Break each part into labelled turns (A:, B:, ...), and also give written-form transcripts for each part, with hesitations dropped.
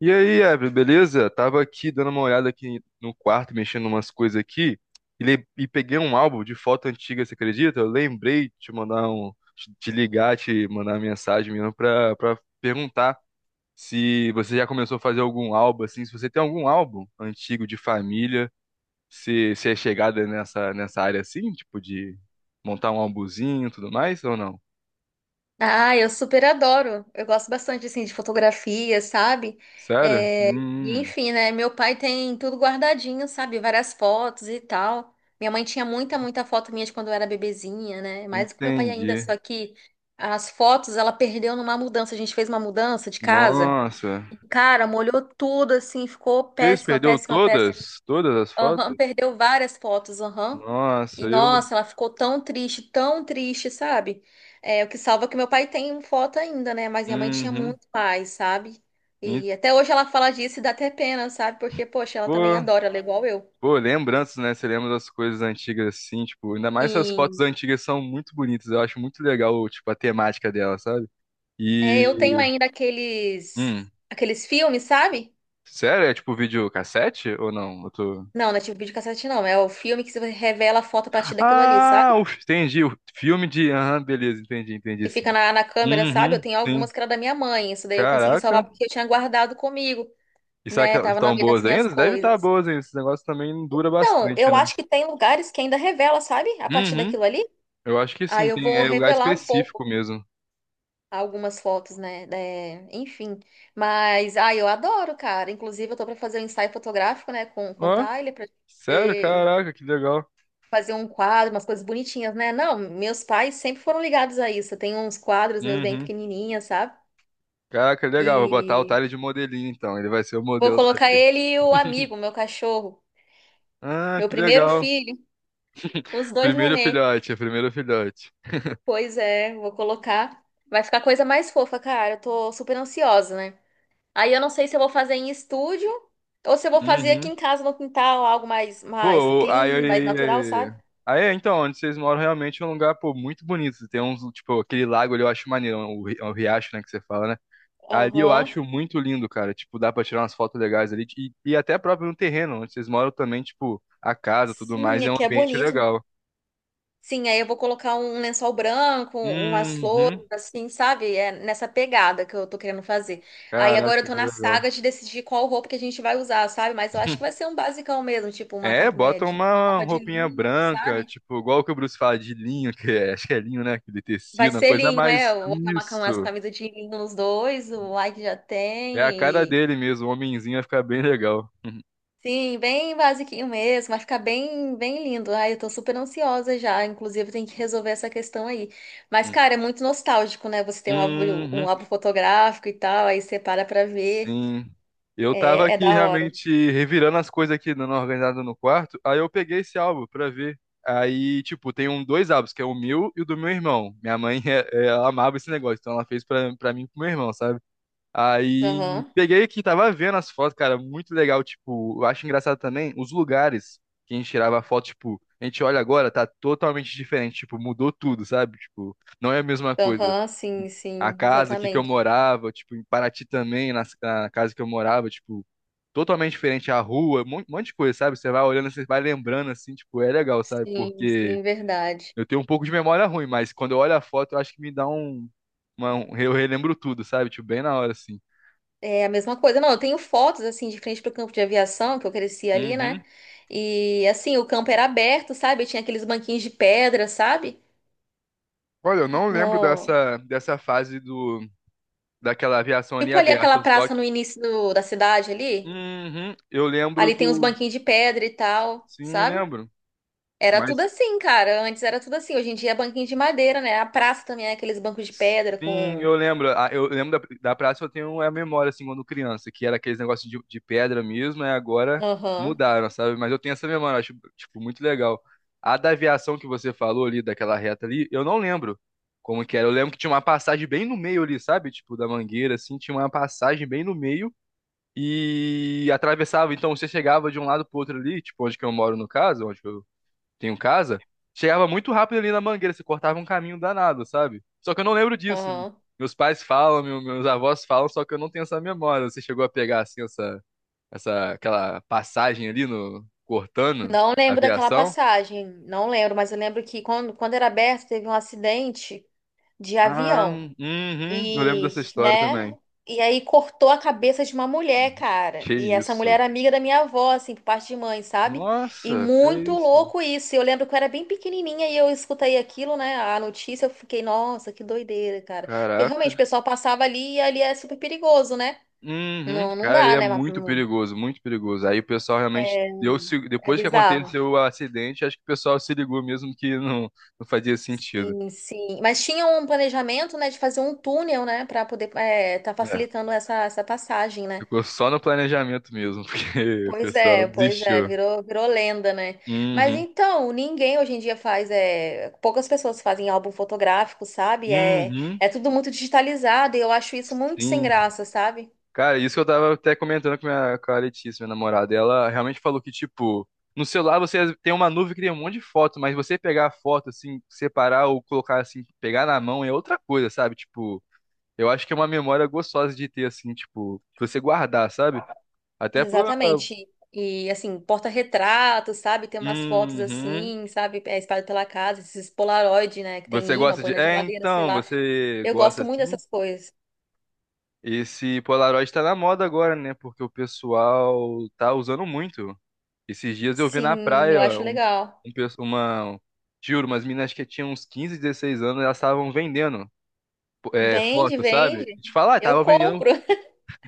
A: E aí, Evelyn, beleza? Tava aqui dando uma olhada aqui no quarto, mexendo umas coisas aqui, e peguei um álbum de foto antiga, você acredita? Eu lembrei de te mandar te ligar, te mandar uma mensagem mesmo pra perguntar se você já começou a fazer algum álbum, assim, se você tem algum álbum antigo de família, se é chegada nessa área assim, tipo de montar um álbumzinho e tudo mais, ou não?
B: Ah, eu super adoro. Eu gosto bastante assim de fotografia, sabe?
A: Sério?
B: É, e enfim, né? Meu pai tem tudo guardadinho, sabe? Várias fotos e tal. Minha mãe tinha muita foto minha de quando eu era bebezinha, né? Mais do que meu pai ainda,
A: Entendi.
B: só que as fotos ela perdeu numa mudança. A gente fez uma mudança de casa.
A: Nossa.
B: E, cara, molhou tudo assim, ficou
A: Que isso,
B: péssima,
A: perdeu
B: péssima, péssima.
A: todas? Todas as
B: Aham,
A: fotos?
B: perdeu várias fotos, aham.
A: Nossa,
B: E
A: eu.
B: nossa, ela ficou tão triste, sabe? É, o que salva é que meu pai tem um foto ainda, né? Mas minha mãe tinha
A: Uhum.
B: muito mais, sabe?
A: E,
B: E até hoje ela fala disso e dá até pena, sabe? Porque, poxa, ela
A: pô,
B: também adora, ela é igual eu.
A: pô, lembranças, né? Você lembra das coisas antigas assim, tipo, ainda mais essas fotos
B: Sim.
A: antigas são muito bonitas. Eu acho muito legal, tipo, a temática dela, sabe?
B: É,
A: E.
B: eu tenho ainda aqueles
A: Hum.
B: aqueles filmes, sabe?
A: Sério? É tipo videocassete ou não? Eu tô.
B: Não, não é tipo videocassete, não. É o filme que você revela a foto a partir daquilo ali,
A: Ah,
B: sabe?
A: entendi. O filme de. Aham, beleza, entendi, entendi
B: Que
A: sim.
B: fica na câmera, sabe? Eu
A: Uhum,
B: tenho
A: sim.
B: algumas que era da minha mãe. Isso daí eu consegui salvar
A: Caraca.
B: porque eu tinha guardado comigo.
A: E será que
B: Né?
A: elas
B: Tava no
A: estão
B: meio das
A: boas
B: minhas
A: ainda? Deve estar
B: coisas.
A: boas ainda. Esse negócio também dura
B: Então,
A: bastante,
B: eu
A: né?
B: acho que tem lugares que ainda revela, sabe? A partir
A: Uhum.
B: daquilo ali.
A: Eu acho que sim,
B: Aí eu
A: tem
B: vou
A: lugar
B: revelar um
A: específico
B: pouco
A: mesmo.
B: algumas fotos, né? É, enfim. Mas, ah, eu adoro, cara. Inclusive, eu tô pra fazer um ensaio fotográfico, né? Com o
A: Ó,
B: Tyler, pra
A: sério?
B: poder
A: Caraca, que legal.
B: fazer um quadro, umas coisas bonitinhas, né? Não, meus pais sempre foram ligados a isso. Eu tenho uns quadros meus bem
A: Uhum.
B: pequenininhos, sabe?
A: Caraca, legal. Vou botar o
B: E
A: Tyler de modelinho, então. Ele vai ser o
B: vou
A: modelo da
B: colocar
A: vez.
B: ele e o amigo, meu cachorro,
A: Ah,
B: meu
A: que
B: primeiro
A: legal.
B: filho, os dois
A: Primeiro
B: nenê.
A: filhote, é primeiro filhote.
B: Pois é, vou colocar. Vai ficar coisa mais fofa, cara. Eu tô super ansiosa, né? Aí eu não sei se eu vou fazer em estúdio ou se eu vou fazer aqui
A: Uhum.
B: em casa no quintal, algo mais, mais
A: Pô, aí,
B: clean, mais natural,
A: aí,
B: sabe?
A: aí, então, onde vocês moram realmente é um lugar, pô, muito bonito. Tem uns, tipo, aquele lago ali eu acho maneiro, o riacho, né, que você fala, né? Ali eu
B: Aham.
A: acho muito lindo, cara. Tipo, dá pra tirar umas fotos legais ali. E até próprio no terreno, onde vocês moram também, tipo, a casa, tudo
B: Sim,
A: mais, é um
B: aqui é
A: ambiente
B: bonito.
A: legal.
B: Sim, aí eu vou colocar um lençol branco, umas
A: Uhum.
B: flores, assim, sabe? É nessa pegada que eu tô querendo fazer. Aí agora eu
A: Caraca,
B: tô
A: que
B: na
A: legal.
B: saga de decidir qual roupa que a gente vai usar, sabe? Mas eu acho que vai ser um basicão mesmo, tipo
A: É, bota
B: uma
A: uma
B: roupa de
A: roupinha
B: linho,
A: branca,
B: sabe?
A: tipo, igual que o Bruce fala de linho, acho que é linho, né? Aquele
B: Vai
A: tecido, uma
B: ser
A: coisa
B: linho, é?
A: mais.
B: Eu vou acabar com as
A: Isso.
B: camisas de linho nos dois, o like já
A: É a cara
B: tem. E...
A: dele mesmo, o homenzinho vai ficar bem legal.
B: Sim, bem basiquinho mesmo, vai ficar bem, bem lindo. Ai, eu tô super ansiosa já, inclusive tem que resolver essa questão aí. Mas, cara, é muito nostálgico, né? Você tem
A: Uhum.
B: um álbum fotográfico e tal, aí você para pra ver,
A: Sim. Eu tava
B: é, é
A: aqui
B: da hora.
A: realmente revirando as coisas aqui, dando uma organizada no quarto. Aí eu peguei esse álbum pra ver. Aí, tipo, tem um, dois álbuns, que é o meu e o do meu irmão. Minha mãe, ela amava esse negócio, então ela fez pra mim e pro meu irmão, sabe? Aí
B: Aham,
A: peguei aqui, tava vendo as fotos, cara, muito legal. Tipo, eu acho engraçado também os lugares que a gente tirava foto, tipo, a gente olha agora, tá totalmente diferente, tipo, mudou tudo, sabe? Tipo, não é a mesma coisa
B: aham, sim,
A: a
B: sim,
A: casa aqui que eu
B: exatamente.
A: morava, tipo, em Paraty também, casa que eu morava, tipo, totalmente diferente a rua, um monte de coisa, sabe? Você vai olhando, você vai lembrando, assim, tipo, é legal, sabe?
B: Sim,
A: Porque
B: sim, verdade.
A: eu tenho um pouco de memória ruim, mas quando eu olho a foto, eu acho que me dá eu relembro tudo, sabe? Tipo, bem na hora, assim.
B: É a mesma coisa. Não, eu tenho fotos assim de frente pro campo de aviação, que eu cresci ali,
A: Uhum.
B: né? E assim, o campo era aberto, sabe? Tinha aqueles banquinhos de pedra, sabe?
A: Olha, eu não lembro
B: No...
A: dessa fase daquela aviação ali
B: Tipo ali aquela
A: aberta, só
B: praça
A: que.
B: no início do- da cidade ali.
A: Uhum, eu lembro
B: Ali tem uns
A: do.
B: banquinhos de pedra e tal,
A: Sim, eu
B: sabe?
A: lembro.
B: Era tudo
A: Mas
B: assim, cara. Antes era tudo assim. Hoje em dia é banquinho de madeira, né? A praça também é aqueles bancos de pedra
A: sim,
B: com.
A: eu lembro. Ah, eu lembro da praça, eu tenho é a memória, assim, quando criança, que era aqueles negócios de pedra mesmo, e agora
B: Aham,
A: mudaram, sabe? Mas eu tenho essa memória, eu acho, tipo, muito legal. A da aviação que você falou ali, daquela reta ali, eu não lembro como que era. Eu lembro que tinha uma passagem bem no meio ali, sabe? Tipo, da Mangueira, assim, tinha uma passagem bem no meio e atravessava. Então, você chegava de um lado pro outro ali, tipo, onde que eu moro, no caso, onde que eu tenho casa, chegava muito rápido ali na Mangueira, você cortava um caminho danado, sabe? Só que eu não lembro disso.
B: aham.
A: Meus pais falam, meus avós falam, só que eu não tenho essa memória. Você chegou a pegar assim essa, essa aquela passagem ali no cortando
B: Não
A: a
B: lembro daquela
A: aviação?
B: passagem. Não lembro, mas eu lembro que quando era aberto, teve um acidente de
A: Ah,
B: avião.
A: uhum, eu lembro
B: E,
A: dessa história
B: né?
A: também.
B: E aí cortou a cabeça de uma mulher, cara.
A: Que
B: E essa mulher
A: isso?
B: era amiga da minha avó, assim, por parte de mãe, sabe? E
A: Nossa, que
B: muito
A: isso?
B: louco isso. Eu lembro que eu era bem pequenininha e eu escutei aquilo, né? A notícia, eu fiquei, nossa, que doideira, cara. Porque realmente
A: Caraca.
B: o pessoal passava ali e ali é super perigoso, né?
A: Uhum,
B: Não, não
A: cara, ele
B: dá,
A: é
B: né? Mas,
A: muito perigoso, muito perigoso. Aí o pessoal realmente
B: é,
A: deu, se-
B: é
A: depois que
B: bizarro.
A: aconteceu o acidente, acho que o pessoal se ligou mesmo que não fazia sentido.
B: Sim, sim. Mas tinha um planejamento, né, de fazer um túnel, né, para poder tá
A: É,
B: facilitando essa passagem, né?
A: ficou só no planejamento mesmo, porque o pessoal
B: Pois é,
A: desistiu.
B: virou, virou lenda, né? Mas
A: Uhum,
B: então, ninguém hoje em dia faz, é, poucas pessoas fazem álbum fotográfico, sabe? É,
A: uhum,
B: é tudo muito digitalizado e eu acho isso muito sem
A: sim.
B: graça, sabe?
A: Cara, isso que eu tava até comentando com a Letícia, minha namorada. Ela realmente falou que, tipo, no celular você tem uma nuvem que tem um monte de foto, mas você pegar a foto, assim, separar ou colocar, assim, pegar na mão é outra coisa, sabe? Tipo. Eu acho que é uma memória gostosa de ter, assim, tipo, pra você guardar, sabe? Até por.
B: Exatamente. E assim, porta-retratos, sabe? Tem umas fotos
A: Uhum.
B: assim, sabe? É, espalhado pela casa, esses Polaroid, né? Que
A: Você
B: tem imã,
A: gosta
B: põe
A: de.
B: na
A: É,
B: geladeira, sei
A: então,
B: lá.
A: você
B: Eu
A: gosta
B: gosto muito
A: assim?
B: dessas coisas.
A: Esse Polaroid tá na moda agora, né? Porque o pessoal tá usando muito. Esses dias eu vi na
B: Sim, eu
A: praia
B: acho
A: um,
B: legal.
A: um pe- uma. Juro, umas meninas que tinham uns 15, 16 anos, elas estavam vendendo
B: Vende,
A: foto, sabe?
B: vende.
A: Te falar,
B: Eu
A: estavam vendendo.
B: compro.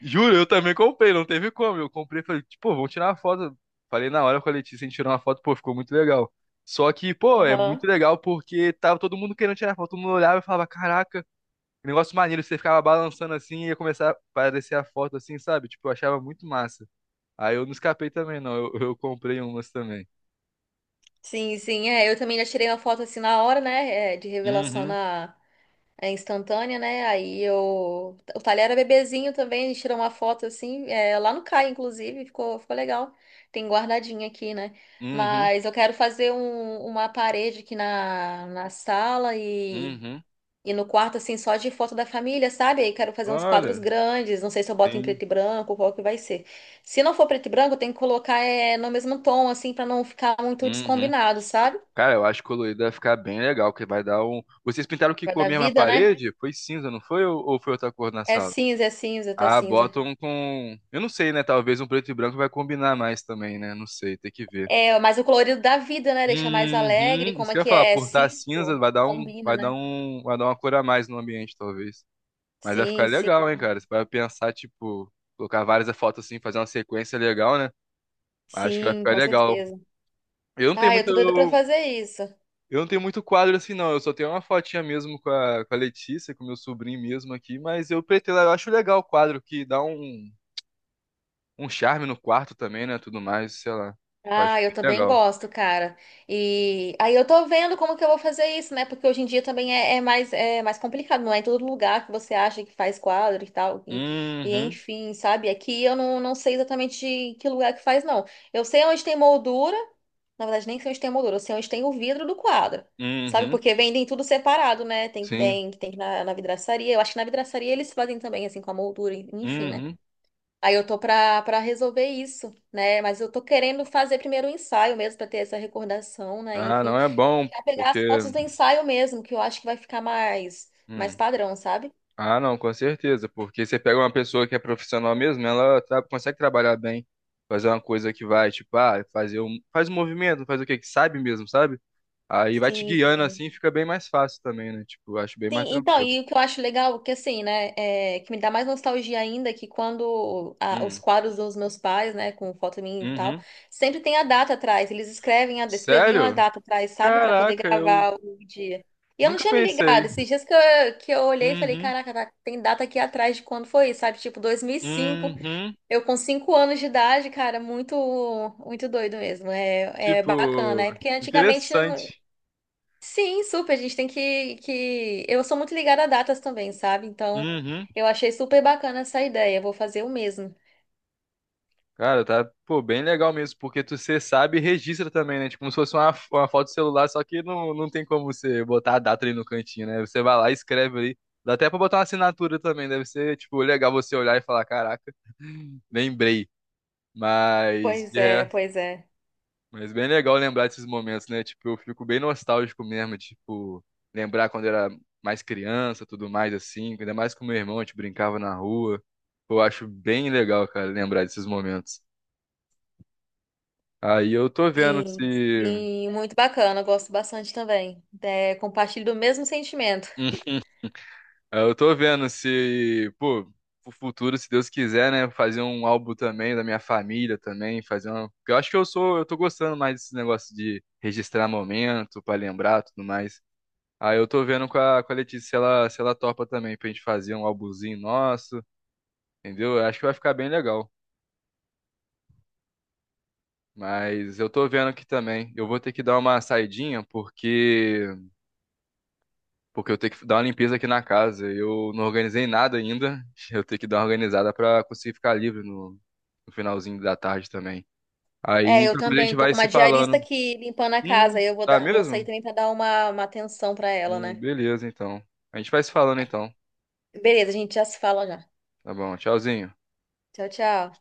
A: Juro, eu também comprei, não teve como. Eu comprei, falei, tipo, vamos tirar uma foto. Falei na hora com a Letícia, a gente tirou uma foto, pô, ficou muito legal. Só que, pô, é muito
B: Aham.
A: legal porque tava todo mundo querendo tirar foto, todo mundo olhava e falava, caraca, que negócio maneiro, você ficava balançando assim e ia começar a aparecer a foto assim, sabe? Tipo, eu achava muito massa. Aí eu não escapei também, não, eu comprei umas também.
B: Sim, sim, é. Eu também já tirei uma foto assim na hora, né? De revelação
A: Uhum,
B: instantânea, né? Aí eu. O talher era bebezinho também, a gente tirou uma foto assim, é, lá no CAI, inclusive, ficou, ficou legal. Tem guardadinha aqui, né?
A: uhum,
B: Mas eu quero fazer uma parede aqui na sala
A: uhum.
B: e no quarto, assim, só de foto da família, sabe? Aí quero fazer uns quadros
A: Olha,
B: grandes, não sei se eu boto em
A: sim,
B: preto e branco, qual que vai ser. Se não for preto e branco, tem que colocar é, no mesmo tom, assim, pra não ficar muito
A: uhum.
B: descombinado, sabe?
A: Cara, eu acho que colorido vai ficar bem legal, que vai dar um. Vocês pintaram que
B: Vai
A: com a
B: dar
A: mesma
B: vida, né?
A: parede? Foi cinza, não foi? Ou foi outra cor na sala?
B: É cinza, tá
A: Ah,
B: cinza.
A: botam com. Eu não sei, né? Talvez um preto e branco vai combinar mais também, né? Não sei, tem que ver.
B: É, mas o colorido da vida, né? Deixa mais alegre,
A: Uhum.
B: como
A: Isso
B: é
A: que eu ia
B: que
A: falar,
B: é? É
A: por estar cinza,
B: cinco?
A: vai dar um,
B: Combina,
A: vai dar
B: né?
A: um, vai dar uma cor a mais no ambiente, talvez. Mas vai
B: Sim,
A: ficar
B: sim,
A: legal, hein, cara? Você vai pensar, tipo, colocar várias fotos assim, fazer uma sequência legal, né? Acho que vai
B: sim,
A: ficar
B: com
A: legal.
B: certeza.
A: Eu não tenho
B: Ai, eu tô doida pra
A: muito,
B: fazer isso.
A: Eu não tenho muito quadro assim, não. Eu só tenho uma fotinha mesmo com a Letícia, com o meu sobrinho mesmo aqui, mas eu pretendo, eu acho legal o quadro, que dá um charme no quarto também, né? Tudo mais, sei lá. Eu acho
B: Ah, eu
A: muito
B: também
A: legal.
B: gosto, cara. E aí eu tô vendo como que eu vou fazer isso, né? Porque hoje em dia também é, é mais complicado, não é em todo lugar que você acha que faz quadro e tal. E
A: Uhum,
B: enfim, sabe? Aqui eu não, não sei exatamente em que lugar que faz, não. Eu sei onde tem moldura, na verdade nem sei onde tem moldura, eu sei onde tem o vidro do quadro. Sabe?
A: uhum,
B: Porque vendem tudo separado, né? Tem,
A: sim,
B: tem, tem que ir na vidraçaria. Eu acho que na vidraçaria eles fazem também, assim, com a moldura, enfim, né?
A: uhum.
B: Aí eu tô pra resolver isso, né? Mas eu tô querendo fazer primeiro o ensaio mesmo, pra ter essa recordação, né?
A: Ah,
B: Enfim,
A: não é bom,
B: já pegar
A: porque.
B: as fotos do ensaio mesmo, que eu acho que vai ficar mais, mais
A: Hum.
B: padrão, sabe?
A: Ah, não, com certeza, porque você pega uma pessoa que é profissional mesmo, ela consegue trabalhar bem, fazer uma coisa que vai, tipo, fazer um. Faz um movimento, faz o quê? Que sabe mesmo, sabe? Aí vai te
B: Sim,
A: guiando
B: sim.
A: assim, fica bem mais fácil também, né? Tipo, eu acho bem mais
B: Sim, então,
A: tranquilo.
B: e o que eu acho legal, que assim, né, é, que me dá mais nostalgia ainda, que quando os
A: Hum.
B: quadros dos meus pais, né, com foto minha e tal,
A: Uhum.
B: sempre tem a data atrás, eles escrevem escreviam a
A: Sério?
B: data atrás, sabe, pra poder
A: Caraca, eu
B: gravar o dia. E eu não
A: nunca
B: tinha me
A: pensei.
B: ligado, esses dias que eu olhei e falei,
A: Uhum.
B: caraca, tem data aqui atrás de quando foi, sabe, tipo 2005,
A: Uhum.
B: eu com 5 anos de idade, cara, muito, muito doido mesmo, é, é bacana,
A: Tipo,
B: é porque antigamente
A: interessante.
B: Sim, super. A gente tem que. Eu sou muito ligada a datas também, sabe? Então,
A: Uhum.
B: eu achei super bacana essa ideia. Vou fazer o mesmo.
A: Cara, tá, pô, bem legal mesmo, porque tu você sabe e registra também, né? Tipo, como se fosse uma foto de celular, só que não tem como você botar a data ali no cantinho, né? Você vai lá e escreve ali. Dá até pra botar uma assinatura também, deve ser, tipo, legal você olhar e falar, caraca, lembrei. Mas
B: Pois
A: de
B: é,
A: resto.
B: pois é.
A: Mas bem legal lembrar desses momentos, né? Tipo, eu fico bem nostálgico mesmo, tipo, lembrar quando eu era mais criança, tudo mais assim, ainda mais com meu irmão, a gente brincava na rua. Pô, eu acho bem legal, cara, lembrar desses momentos. Aí eu tô vendo
B: Sim,
A: se.
B: sim, muito bacana. Eu gosto bastante também. É, compartilho do mesmo sentimento.
A: Hum, aí eu tô vendo se, pô, pro futuro, se Deus quiser, né? Fazer um álbum também da minha família também, fazer uma. Porque eu acho que eu tô gostando mais desse negócio de registrar momento, pra lembrar, tudo mais. Aí eu tô vendo com a Letícia se ela topa também pra gente fazer um álbumzinho nosso, entendeu? Eu acho que vai ficar bem legal. Mas eu tô vendo aqui também. Eu vou ter que dar uma saidinha porque eu tenho que dar uma limpeza aqui na casa. Eu não organizei nada ainda. Eu tenho que dar uma organizada pra conseguir ficar livre no finalzinho da tarde também.
B: É,
A: Aí
B: eu
A: qualquer coisa a gente
B: também. Tô
A: vai
B: com uma
A: se
B: diarista
A: falando.
B: aqui limpando a
A: Hum,
B: casa. Eu vou
A: tá
B: dar, vou sair
A: mesmo?
B: também para dar uma atenção para ela, né?
A: Beleza, então. A gente vai se falando então.
B: Beleza, a gente já se fala já.
A: Tá bom, tchauzinho.
B: Tchau, tchau.